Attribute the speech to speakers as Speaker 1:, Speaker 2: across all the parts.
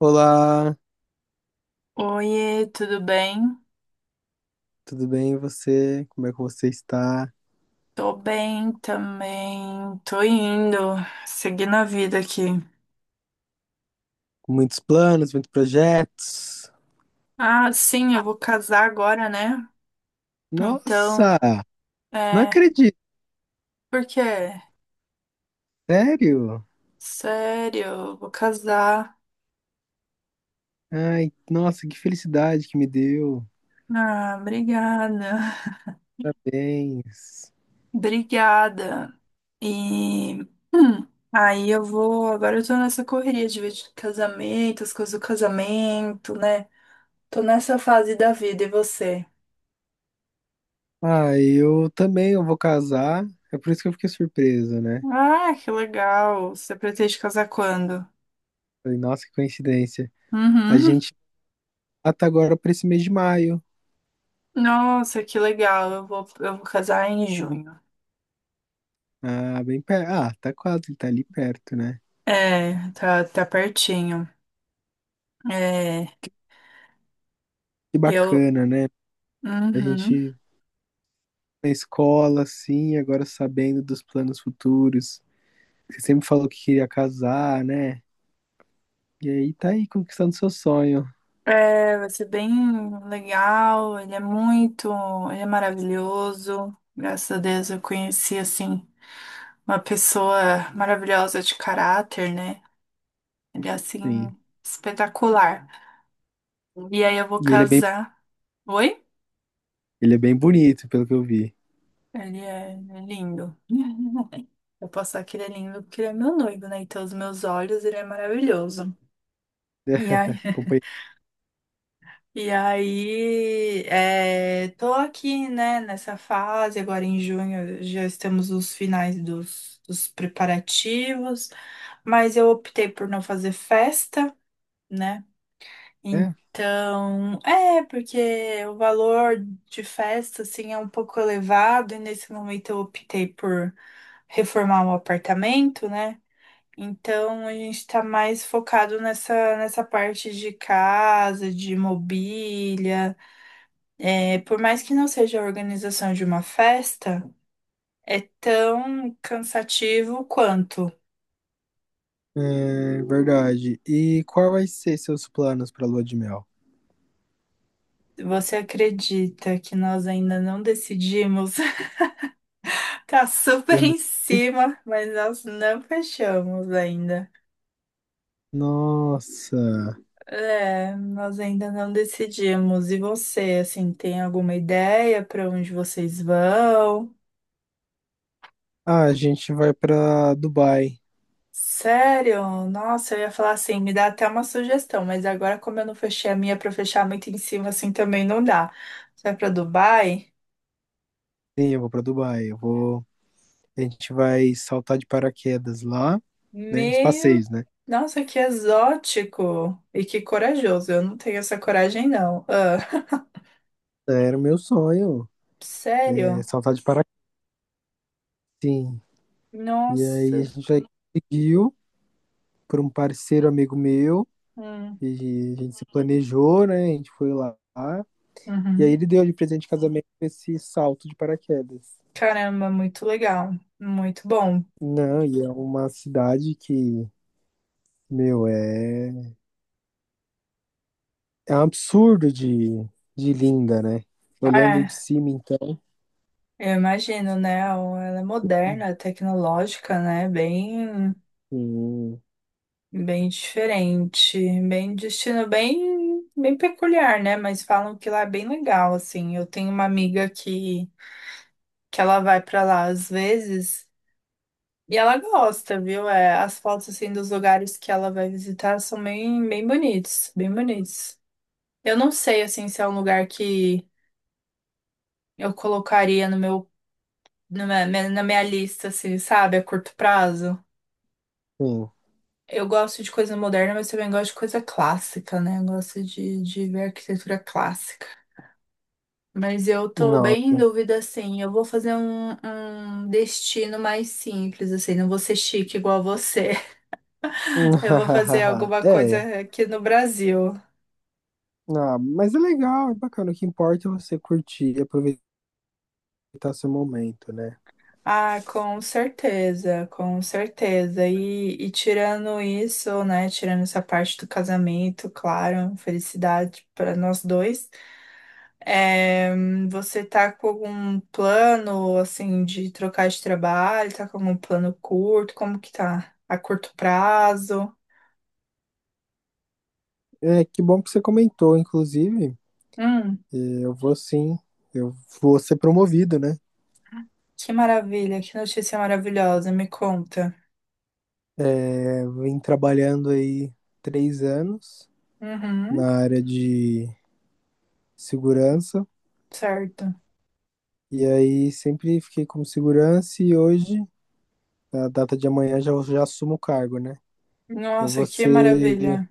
Speaker 1: Olá,
Speaker 2: Oiê, tudo bem?
Speaker 1: tudo bem e você? Como é que você está?
Speaker 2: Tô bem também. Tô indo, seguindo a vida aqui.
Speaker 1: Com muitos planos, muitos projetos?
Speaker 2: Ah, sim, eu vou casar agora, né? Então,
Speaker 1: Nossa, não
Speaker 2: é.
Speaker 1: acredito,
Speaker 2: Por quê?
Speaker 1: sério?
Speaker 2: Sério, eu vou casar.
Speaker 1: Ai, nossa, que felicidade que me deu.
Speaker 2: Ah, obrigada.
Speaker 1: Parabéns.
Speaker 2: Obrigada. E. hum, aí eu vou. Agora eu tô nessa correria de vídeo de casamento, as coisas do casamento, né? Tô nessa fase da vida, e você?
Speaker 1: Ah, eu também eu vou casar. É por isso que eu fiquei surpresa, né?
Speaker 2: Ah, que legal. Você pretende casar quando?
Speaker 1: Falei, nossa, que coincidência. A
Speaker 2: Uhum.
Speaker 1: gente tá agora para esse mês de maio.
Speaker 2: Nossa, que legal. Eu vou casar em junho.
Speaker 1: Ah, bem perto. Ah, tá quase, tá ali perto, né?
Speaker 2: É, tá pertinho. É,
Speaker 1: Que
Speaker 2: eu.
Speaker 1: bacana, né? A
Speaker 2: Uhum.
Speaker 1: gente na escola, assim, agora sabendo dos planos futuros. Você sempre falou que queria casar, né? E aí tá aí conquistando seu sonho,
Speaker 2: É, vai ser bem legal. Ele é muito. Ele é maravilhoso. Graças a Deus eu conheci, assim, uma pessoa maravilhosa de caráter, né? Ele é, assim,
Speaker 1: sim.
Speaker 2: espetacular. E aí eu vou
Speaker 1: E
Speaker 2: casar. Oi?
Speaker 1: ele é bem bonito, pelo que eu vi.
Speaker 2: Ele é lindo. Eu posso falar que ele é lindo porque ele é meu noivo, né? Então, os meus olhos, ele é maravilhoso.
Speaker 1: É,
Speaker 2: E aí,
Speaker 1: acompanhei.
Speaker 2: e aí é, tô aqui, né, nessa fase, agora em junho já estamos nos finais dos preparativos, mas eu optei por não fazer festa, né?
Speaker 1: É,
Speaker 2: Então, porque o valor de festa, assim, é um pouco elevado, e nesse momento eu optei por reformar o apartamento, né? Então a gente está mais focado nessa parte de casa, de mobília. É, por mais que não seja a organização de uma festa, é tão cansativo quanto.
Speaker 1: é verdade. E qual vai ser seus planos pra lua de mel?
Speaker 2: Você acredita que nós ainda não decidimos? Tá super
Speaker 1: Eu
Speaker 2: em
Speaker 1: não.
Speaker 2: cima, mas nós não fechamos ainda.
Speaker 1: Nossa.
Speaker 2: É, nós ainda não decidimos. E você, assim, tem alguma ideia para onde vocês vão?
Speaker 1: Ah, a gente vai pra Dubai.
Speaker 2: Sério? Nossa, eu ia falar assim, me dá até uma sugestão, mas agora como eu não fechei a minha para fechar muito em cima assim também não dá. Você vai para Dubai?
Speaker 1: Sim, eu vou pra Dubai. Eu vou. A gente vai saltar de paraquedas lá, né? Os
Speaker 2: Meu,
Speaker 1: passeios, né?
Speaker 2: nossa, que exótico e que corajoso. Eu não tenho essa coragem não. Ah,
Speaker 1: Era o meu sonho, é,
Speaker 2: sério?
Speaker 1: saltar de paraquedas. Sim. E aí a
Speaker 2: Nossa.
Speaker 1: gente já conseguiu por um parceiro amigo meu,
Speaker 2: Hum,
Speaker 1: e a gente se planejou, né? A gente foi lá. E aí
Speaker 2: uhum.
Speaker 1: ele deu de presente de casamento esse salto de paraquedas.
Speaker 2: Caramba, muito legal, muito bom.
Speaker 1: Não, e é uma cidade que, meu, é um absurdo de linda, né? Olhando
Speaker 2: É,
Speaker 1: de cima, então.
Speaker 2: eu imagino, né? Ela é moderna, tecnológica, né? Bem
Speaker 1: Sim,
Speaker 2: Bem diferente, bem destino bem peculiar, né? Mas falam que lá é bem legal, assim. Eu tenho uma amiga que ela vai pra lá às vezes e ela gosta, viu? É, as fotos assim dos lugares que ela vai visitar são bem bem bonitos, bem bonitos. Eu não sei assim se é um lugar que eu colocaria no meu na minha lista, assim, sabe, a curto prazo.
Speaker 1: sim.
Speaker 2: Eu gosto de coisa moderna, mas também gosto de coisa clássica, né? Eu gosto de ver arquitetura clássica. Mas eu tô bem em
Speaker 1: Nossa.
Speaker 2: dúvida, assim. Eu vou fazer um destino mais simples, assim. Não vou ser chique igual você. Eu vou fazer alguma
Speaker 1: É.
Speaker 2: coisa aqui no Brasil.
Speaker 1: Ah, mas é legal, é bacana. O que importa é você curtir e aproveitar seu momento, né?
Speaker 2: Ah, com certeza, com certeza. E tirando isso, né? Tirando essa parte do casamento, claro, felicidade para nós dois. É, você tá com algum plano, assim, de trocar de trabalho? Tá com algum plano curto? Como que tá? A curto prazo?
Speaker 1: É, que bom que você comentou, inclusive.
Speaker 2: Hum,
Speaker 1: Eu vou sim, eu vou ser promovido, né?
Speaker 2: que maravilha, que notícia maravilhosa, me conta.
Speaker 1: É, vim trabalhando aí 3 anos
Speaker 2: Uhum,
Speaker 1: na área de segurança.
Speaker 2: certo.
Speaker 1: E aí sempre fiquei como segurança e hoje, na data de amanhã, já assumo o cargo, né? Eu vou
Speaker 2: Nossa, que
Speaker 1: ser
Speaker 2: maravilha.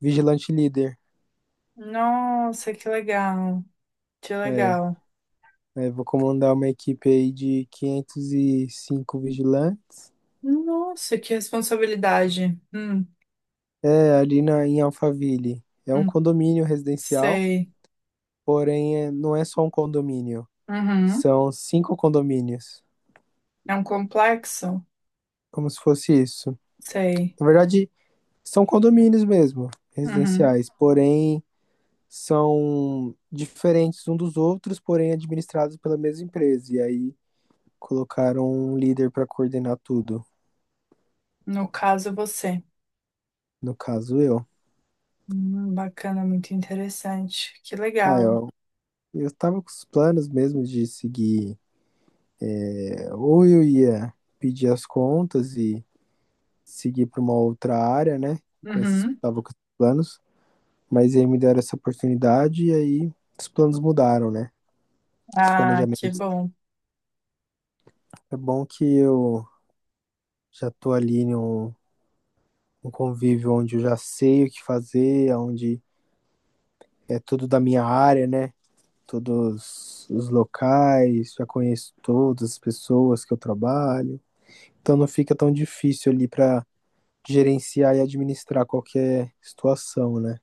Speaker 1: vigilante líder.
Speaker 2: Nossa, que legal, que
Speaker 1: É,
Speaker 2: legal.
Speaker 1: é, vou comandar uma equipe aí de 505 vigilantes.
Speaker 2: Nossa, que responsabilidade.
Speaker 1: É, ali na, em Alphaville. É um
Speaker 2: Hum,
Speaker 1: condomínio residencial.
Speaker 2: sei.
Speaker 1: Porém, não é só um condomínio.
Speaker 2: Uhum,
Speaker 1: São cinco condomínios.
Speaker 2: é um complexo?
Speaker 1: Como se fosse isso.
Speaker 2: Sei.
Speaker 1: Na verdade, são condomínios mesmo,
Speaker 2: Uhum,
Speaker 1: residenciais. Porém, são diferentes um dos outros, porém administrados pela mesma empresa. E aí colocaram um líder para coordenar tudo.
Speaker 2: no caso, você.
Speaker 1: No caso, eu.
Speaker 2: Bacana, muito interessante. Que
Speaker 1: Ah,
Speaker 2: legal.
Speaker 1: eu tava com os planos mesmo de seguir. É, ou eu ia pedir as contas e seguir para uma outra área, né? Com esses,
Speaker 2: Uhum.
Speaker 1: tava com esses planos. Mas aí me deram essa oportunidade e aí os planos mudaram, né? Os
Speaker 2: Ah, que
Speaker 1: planejamentos.
Speaker 2: bom.
Speaker 1: É bom que eu já tô ali num convívio onde eu já sei o que fazer, onde é tudo da minha área, né? Todos os locais, já conheço todas as pessoas que eu trabalho. Então não fica tão difícil ali para gerenciar e administrar qualquer situação, né?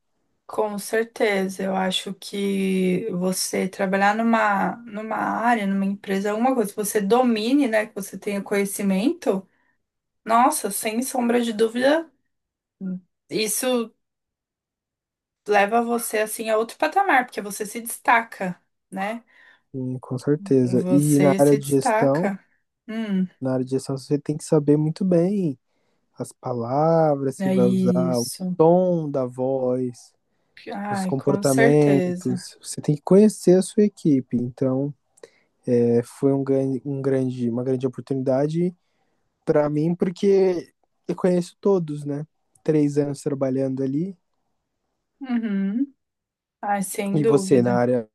Speaker 2: Com certeza, eu acho que você trabalhar numa área, numa empresa, é uma coisa que você domine, né, que você tenha conhecimento, nossa, sem sombra de dúvida, isso leva você, assim, a outro patamar, porque você se destaca, né?
Speaker 1: Sim, com certeza. E
Speaker 2: Você se destaca. Hum,
Speaker 1: na área de gestão você tem que saber muito bem as palavras que
Speaker 2: É
Speaker 1: vai usar, o
Speaker 2: isso.
Speaker 1: tom da voz, os
Speaker 2: Ai, com certeza.
Speaker 1: comportamentos. Você tem que conhecer a sua equipe. Então, é, foi uma grande oportunidade para mim, porque eu conheço todos, né? 3 anos trabalhando ali.
Speaker 2: Uhum. Ai, sem
Speaker 1: E você, na
Speaker 2: dúvida.
Speaker 1: área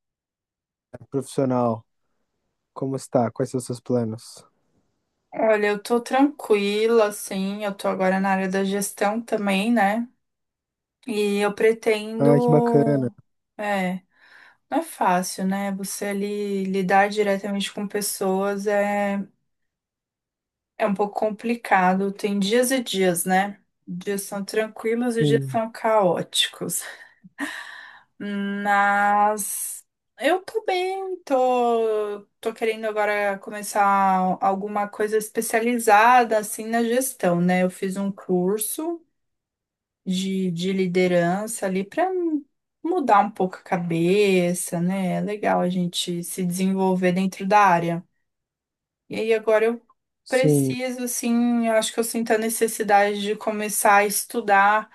Speaker 1: profissional, como está? Quais são os seus planos?
Speaker 2: Olha, eu tô tranquila, assim, eu tô agora na área da gestão também, né? E eu
Speaker 1: Ai, que
Speaker 2: pretendo.
Speaker 1: bacana.
Speaker 2: É, não é fácil, né? Você ali lidar diretamente com pessoas é um pouco complicado. Tem dias e dias, né? Dias são tranquilos e dias
Speaker 1: Sim,
Speaker 2: são caóticos. Mas eu tô bem, tô querendo agora começar alguma coisa especializada assim na gestão, né? Eu fiz um curso de liderança ali para mudar um pouco a cabeça, né? É legal a gente se desenvolver dentro da área. E aí agora eu
Speaker 1: sim,
Speaker 2: preciso, assim, eu acho que eu sinto a necessidade de começar a estudar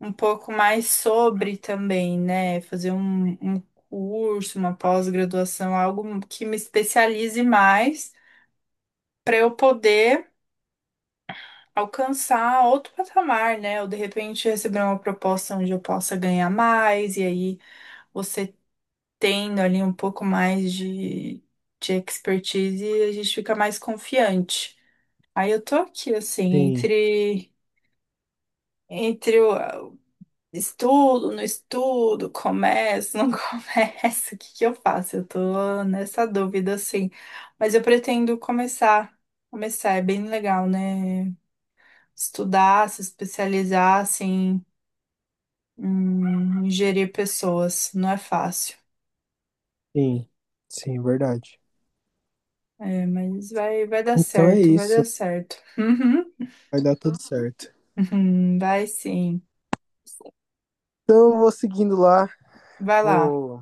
Speaker 2: um pouco mais sobre também, né? Fazer um curso, uma pós-graduação, algo que me especialize mais para eu poder alcançar outro patamar, né? Ou de repente receber uma proposta onde eu possa ganhar mais, e aí você tendo ali um pouco mais de expertise, a gente fica mais confiante. Aí eu tô aqui, assim,
Speaker 1: sim,
Speaker 2: entre. Entre o, Estudo, não estudo, começo, não começo, o que que eu faço? Eu tô nessa dúvida, assim. Mas eu pretendo começar, é bem legal, né? Estudar, se especializar, assim, em gerir pessoas, não é fácil.
Speaker 1: sim, sim, verdade.
Speaker 2: É, mas vai dar
Speaker 1: Então é
Speaker 2: certo, vai
Speaker 1: isso.
Speaker 2: dar certo. Uhum.
Speaker 1: Vai dar tudo certo.
Speaker 2: Uhum, vai sim,
Speaker 1: Então eu vou seguindo lá.
Speaker 2: vai lá.
Speaker 1: Vou,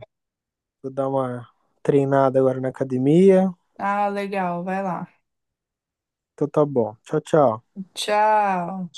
Speaker 1: vou dar uma treinada agora na academia.
Speaker 2: Ah, legal, vai lá.
Speaker 1: Então tá bom. Tchau, tchau.
Speaker 2: Tchau.